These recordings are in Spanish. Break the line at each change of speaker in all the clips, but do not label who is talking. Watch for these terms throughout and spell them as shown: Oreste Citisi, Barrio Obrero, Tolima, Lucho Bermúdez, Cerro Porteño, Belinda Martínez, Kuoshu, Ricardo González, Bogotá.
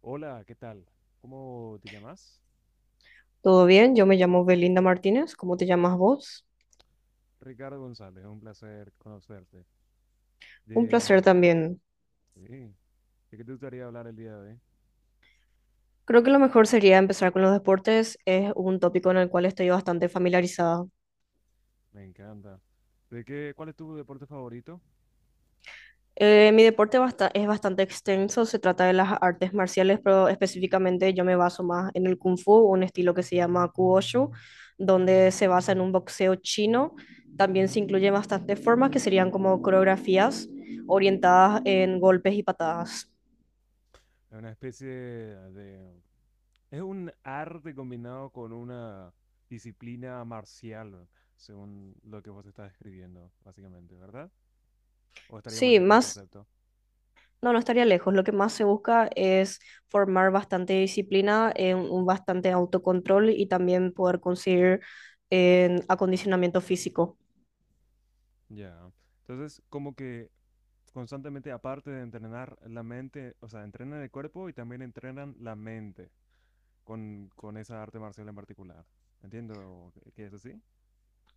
Hola, ¿qué tal? ¿Cómo te llamas?
Todo bien, yo me llamo Belinda Martínez, ¿cómo te llamas vos?
Ricardo González, un placer conocerte.
Un
De,
placer también.
sí, ¿De qué te gustaría hablar el día de hoy?
Creo que lo mejor sería empezar con los deportes, es un tópico en el cual estoy bastante familiarizada.
Me encanta. ¿Cuál es tu deporte favorito?
Mi deporte es bastante extenso, se trata de las artes marciales, pero específicamente yo me baso más en el Kung Fu, un estilo que se llama Kuoshu, donde se basa en un boxeo chino. También se incluyen bastantes formas que serían como coreografías orientadas en golpes y patadas.
Es una especie de... Es un arte combinado con una disciplina marcial, según lo que vos estás describiendo, básicamente, ¿verdad? ¿O estaría muy
Sí,
lejos del
más.
concepto?
No, no estaría lejos. Lo que más se busca es formar bastante disciplina, un bastante autocontrol y también poder conseguir acondicionamiento físico.
Ya. Entonces, como que constantemente, aparte de entrenar la mente, o sea, entrenan el cuerpo y también entrenan la mente con esa arte marcial en particular. Entiendo que es así.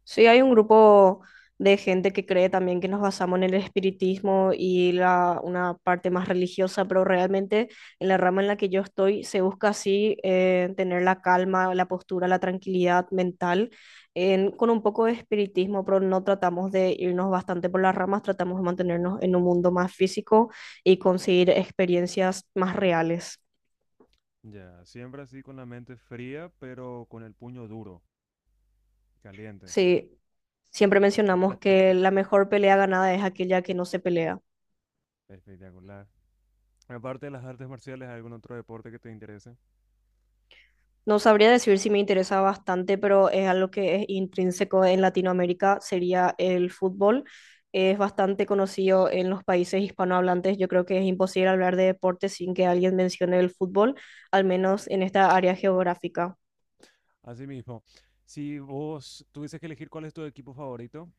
Sí, hay un grupo de gente que cree también que nos basamos en el espiritismo y una parte más religiosa, pero realmente en la rama en la que yo estoy se busca así tener la calma, la postura, la tranquilidad mental con un poco de espiritismo, pero no tratamos de irnos bastante por las ramas, tratamos de mantenernos en un mundo más físico y conseguir experiencias más reales.
Ya, siempre así con la mente fría, pero con el puño duro, caliente.
Sí, siempre mencionamos que la mejor pelea ganada es aquella que no se pelea.
Espectacular. Aparte de las artes marciales, ¿hay algún otro deporte que te interese?
No sabría decir si me interesa bastante, pero es algo que es intrínseco en Latinoamérica, sería el fútbol. Es bastante conocido en los países hispanohablantes. Yo creo que es imposible hablar de deporte sin que alguien mencione el fútbol, al menos en esta área geográfica.
Asimismo, si vos tuvieses que elegir cuál es tu equipo favorito,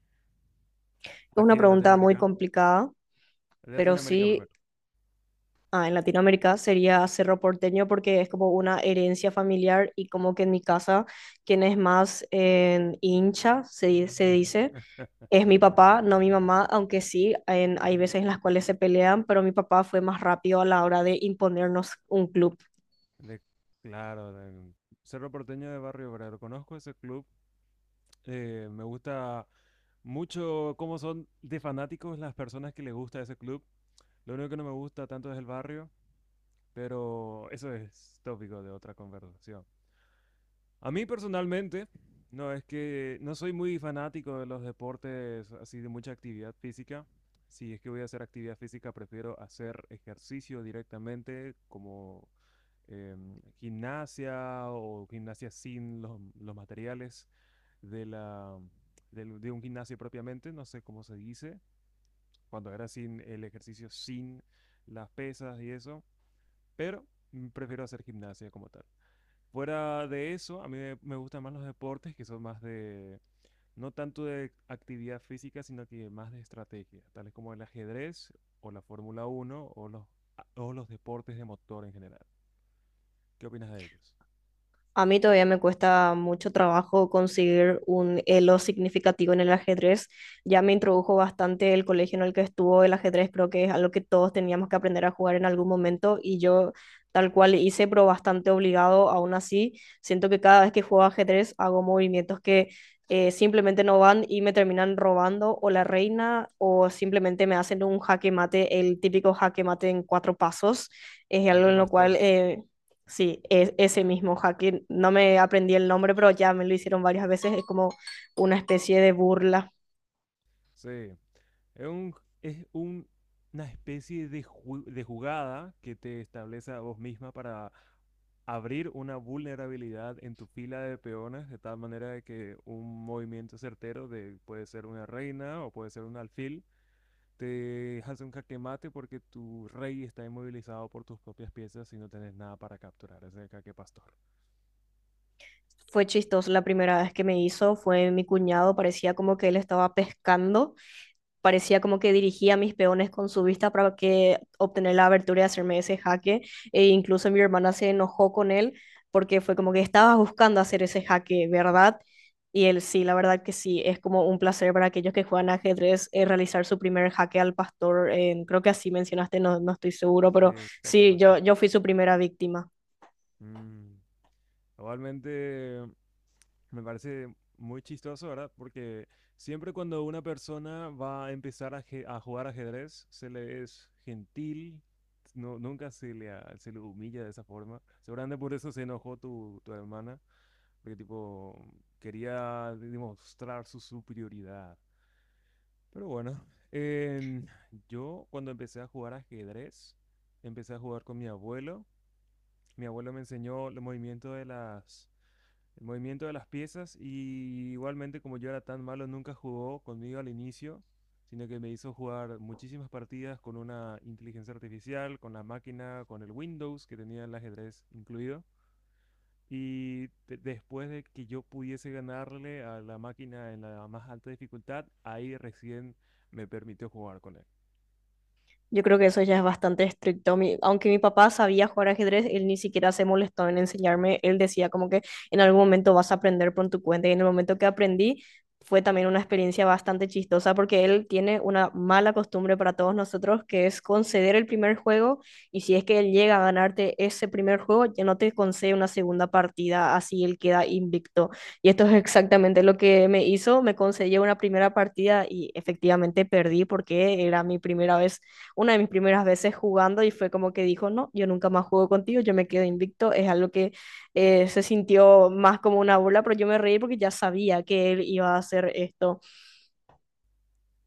Es una
aquí de
pregunta muy
Latinoamérica.
complicada,
De
pero
Latinoamérica
sí,
primero.
en Latinoamérica sería Cerro Porteño porque es como una herencia familiar y como que en mi casa, quien es más hincha, se dice. Es mi papá, no mi mamá, aunque sí, hay veces en las cuales se pelean, pero mi papá fue más rápido a la hora de imponernos un club.
De, claro, del Cerro Porteño de Barrio Obrero. Conozco ese club. Me gusta mucho cómo son de fanáticos las personas que les gusta ese club. Lo único que no me gusta tanto es el barrio, pero eso es tópico de otra conversación. A mí personalmente, no es que no soy muy fanático de los deportes así de mucha actividad física. Si es que voy a hacer actividad física, prefiero hacer ejercicio directamente, como gimnasia o gimnasia sin los materiales de la, de un gimnasio propiamente, no sé cómo se dice, cuando era sin el ejercicio sin las pesas y eso, pero prefiero hacer gimnasia como tal. Fuera de eso, me gustan más los deportes que son más de, no tanto de actividad física, sino que más de estrategia, tales como el ajedrez o la Fórmula 1 o o los deportes de motor en general. ¿Qué opinas de ellos?
A mí todavía me cuesta mucho trabajo conseguir un elo significativo en el ajedrez. Ya me introdujo bastante el colegio en el que estuvo el ajedrez, creo que es algo que todos teníamos que aprender a jugar en algún momento y yo tal cual hice, pero bastante obligado aún así. Siento que cada vez que juego ajedrez hago movimientos que simplemente no van y me terminan robando o la reina o simplemente me hacen un jaque mate, el típico jaque mate en cuatro pasos. Es
¿A
algo
qué
en lo
pastor?
cual. Sí, es ese mismo hacking. No me aprendí el nombre, pero ya me lo hicieron varias veces. Es como una especie de burla.
Sí, es un, es un- una especie de jugada que te establece a vos misma para abrir una vulnerabilidad en tu fila de peones, de tal manera de que un movimiento certero de puede ser una reina o puede ser un alfil, te hace un jaque mate porque tu rey está inmovilizado por tus propias piezas y no tenés nada para capturar. Ese jaque pastor.
Fue chistoso la primera vez que me hizo, fue mi cuñado, parecía como que él estaba pescando. Parecía como que dirigía a mis peones con su vista para que obtener la abertura y hacerme ese jaque. E incluso mi hermana se enojó con él porque fue como que estabas buscando hacer ese jaque, ¿verdad? Y él sí, la verdad que sí, es como un placer para aquellos que juegan ajedrez realizar su primer jaque al pastor. Creo que así mencionaste, no, no estoy seguro, pero
Sí, jaque
sí, yo,
pastor.
yo fui su primera víctima.
Mm. Igualmente. Me parece muy chistoso, ¿verdad? Porque siempre cuando una persona va a empezar a jugar ajedrez, se le es gentil, no, nunca se le humilla de esa forma. Seguramente por eso se enojó tu hermana, porque tipo quería demostrar su superioridad. Pero bueno, em, yo cuando empecé a jugar ajedrez, empecé a jugar con mi abuelo. Mi abuelo me enseñó el movimiento de las piezas y igualmente como yo era tan malo nunca jugó conmigo al inicio, sino que me hizo jugar muchísimas partidas con una inteligencia artificial, con la máquina, con el Windows que tenía el ajedrez incluido. Y después de que yo pudiese ganarle a la máquina en la más alta dificultad, ahí recién me permitió jugar con él.
Yo creo que eso ya es bastante estricto. Aunque mi papá sabía jugar ajedrez, él ni siquiera se molestó en enseñarme. Él decía como que en algún momento vas a aprender por tu cuenta. Y en el momento que aprendí, fue también una experiencia bastante chistosa porque él tiene una mala costumbre para todos nosotros, que es conceder el primer juego. Y si es que él llega a ganarte ese primer juego, ya no te concede una segunda partida, así él queda invicto. Y esto es exactamente lo que me hizo. Me concedió una primera partida y efectivamente perdí porque era mi primera vez, una de mis primeras veces jugando y fue como que dijo, no, yo nunca más juego contigo, yo me quedo invicto, es algo que se sintió más como una burla, pero yo me reí porque ya sabía que él iba a hacer esto.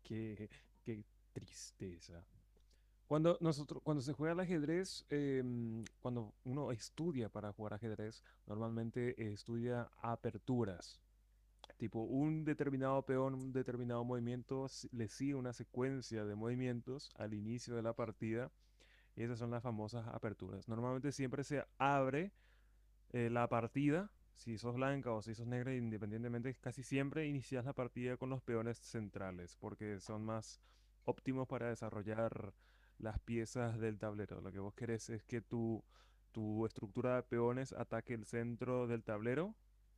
Qué, qué tristeza. Cuando se juega al ajedrez, cuando uno estudia para jugar ajedrez, normalmente estudia aperturas. Tipo, un determinado peón, un determinado movimiento, le sigue una secuencia de movimientos al inicio de la partida. Y esas son las famosas aperturas. Normalmente siempre se abre la partida, si sos blanca o si sos negra, independientemente, casi siempre inicias la partida con los peones centrales, porque son más óptimos para desarrollar las piezas del tablero. Lo que vos querés es que tu estructura de peones ataque el centro del tablero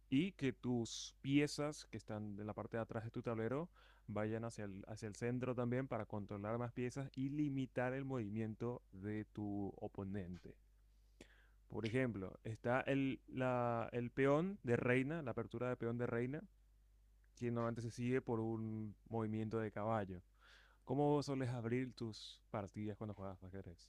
y que tus piezas que están en la parte de atrás de tu tablero vayan hacia hacia el centro también para controlar más piezas y limitar el movimiento de tu oponente. Por ejemplo, está el peón de reina, la apertura de peón de reina, que normalmente se sigue por un movimiento de caballo. ¿Cómo sueles abrir tus partidas cuando juegas ajedrez?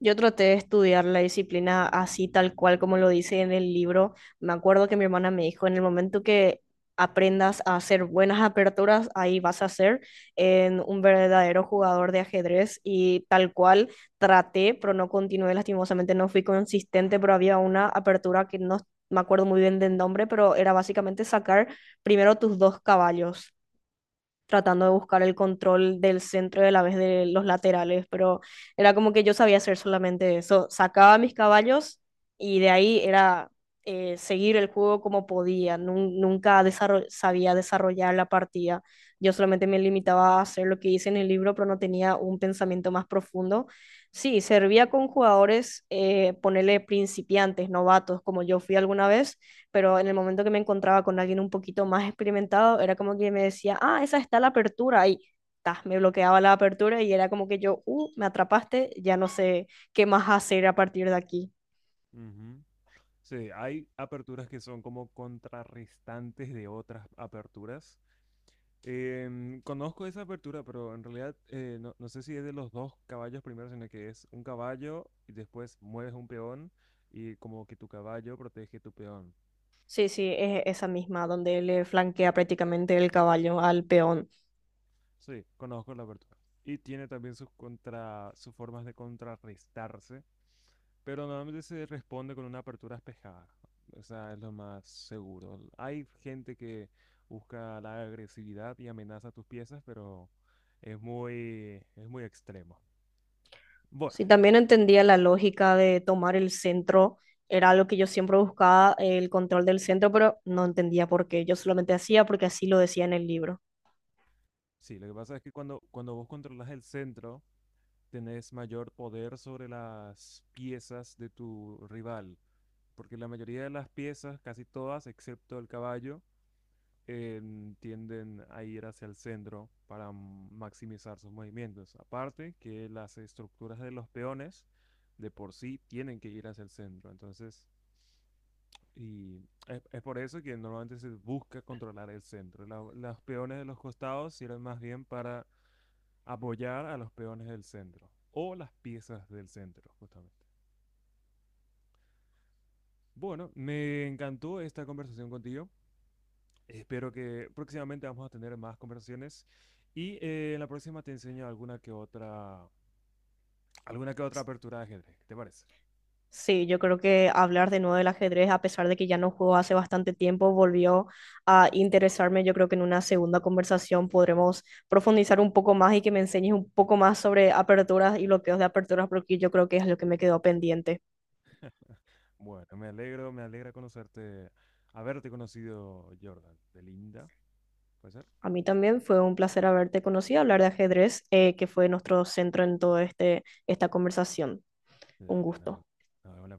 Yo traté de estudiar la disciplina así tal cual como lo dice en el libro. Me acuerdo que mi hermana me dijo, en el momento que aprendas a hacer buenas aperturas, ahí vas a ser en un verdadero jugador de ajedrez y tal cual traté, pero no continué, lastimosamente no fui consistente, pero había una apertura que no me acuerdo muy bien del nombre, pero era básicamente sacar primero tus dos caballos tratando de buscar el control del centro y a la vez de los laterales, pero era como que yo sabía hacer solamente eso. Sacaba mis caballos y de ahí era seguir el juego como podía. Nunca sabía desarrollar la partida. Yo solamente me limitaba a hacer lo que hice en el libro, pero no tenía un pensamiento más profundo. Sí, servía con jugadores, ponerle principiantes, novatos, como yo fui alguna vez, pero en el momento que me encontraba con alguien un poquito más experimentado, era como que me decía, ah, esa está la apertura, y ta, me bloqueaba la apertura y era como que yo, me atrapaste, ya no sé qué más hacer a partir de aquí.
Ujú. Sí, hay aperturas que son como contrarrestantes de otras aperturas. Conozco esa apertura, pero en realidad no sé si es de los dos caballos primero, sino que es un caballo y después mueves un peón y como que tu caballo protege tu peón.
Sí, sí, es esa misma, donde le flanquea prácticamente el caballo al peón.
Sí, conozco la apertura. Y tiene también sus formas de contrarrestarse, pero normalmente se responde con una apertura espejada. O sea, es lo más seguro. Hay gente que busca la agresividad y amenaza tus piezas, pero es muy extremo. Bueno,
Sí, también entendía la lógica de tomar el centro, era algo que yo siempre buscaba, el control del centro, pero no entendía por qué, yo solamente hacía porque así lo decía en el libro.
sí, lo que pasa es que cuando vos controlas el centro, tenés mayor poder sobre las piezas de tu rival, porque la mayoría de las piezas, casi todas, excepto el caballo, tienden a ir hacia el centro para maximizar sus movimientos. Aparte que las estructuras de los peones de por sí tienen que ir hacia el centro. Entonces, y es por eso que normalmente se busca controlar el centro. Los peones de los costados sirven más bien para apoyar a los peones del centro o las piezas del centro, justamente. Bueno, me encantó esta conversación contigo. Espero que próximamente vamos a tener más conversaciones y en la próxima te enseño alguna que otra apertura de ajedrez. ¿Qué te parece?
Sí, yo creo que hablar de nuevo del ajedrez, a pesar de que ya no juego hace bastante tiempo, volvió a interesarme. Yo creo que en una segunda conversación podremos profundizar un poco más y que me enseñes un poco más sobre aperturas y bloqueos de aperturas, porque yo creo que es lo que me quedó pendiente.
Bueno, me alegra conocerte, haberte conocido, Jordan. De Linda, ¿puede ser?
A mí también fue un placer haberte conocido, hablar de ajedrez, que fue nuestro centro en todo esta conversación. Un
Dale,
gusto.
nos vemos la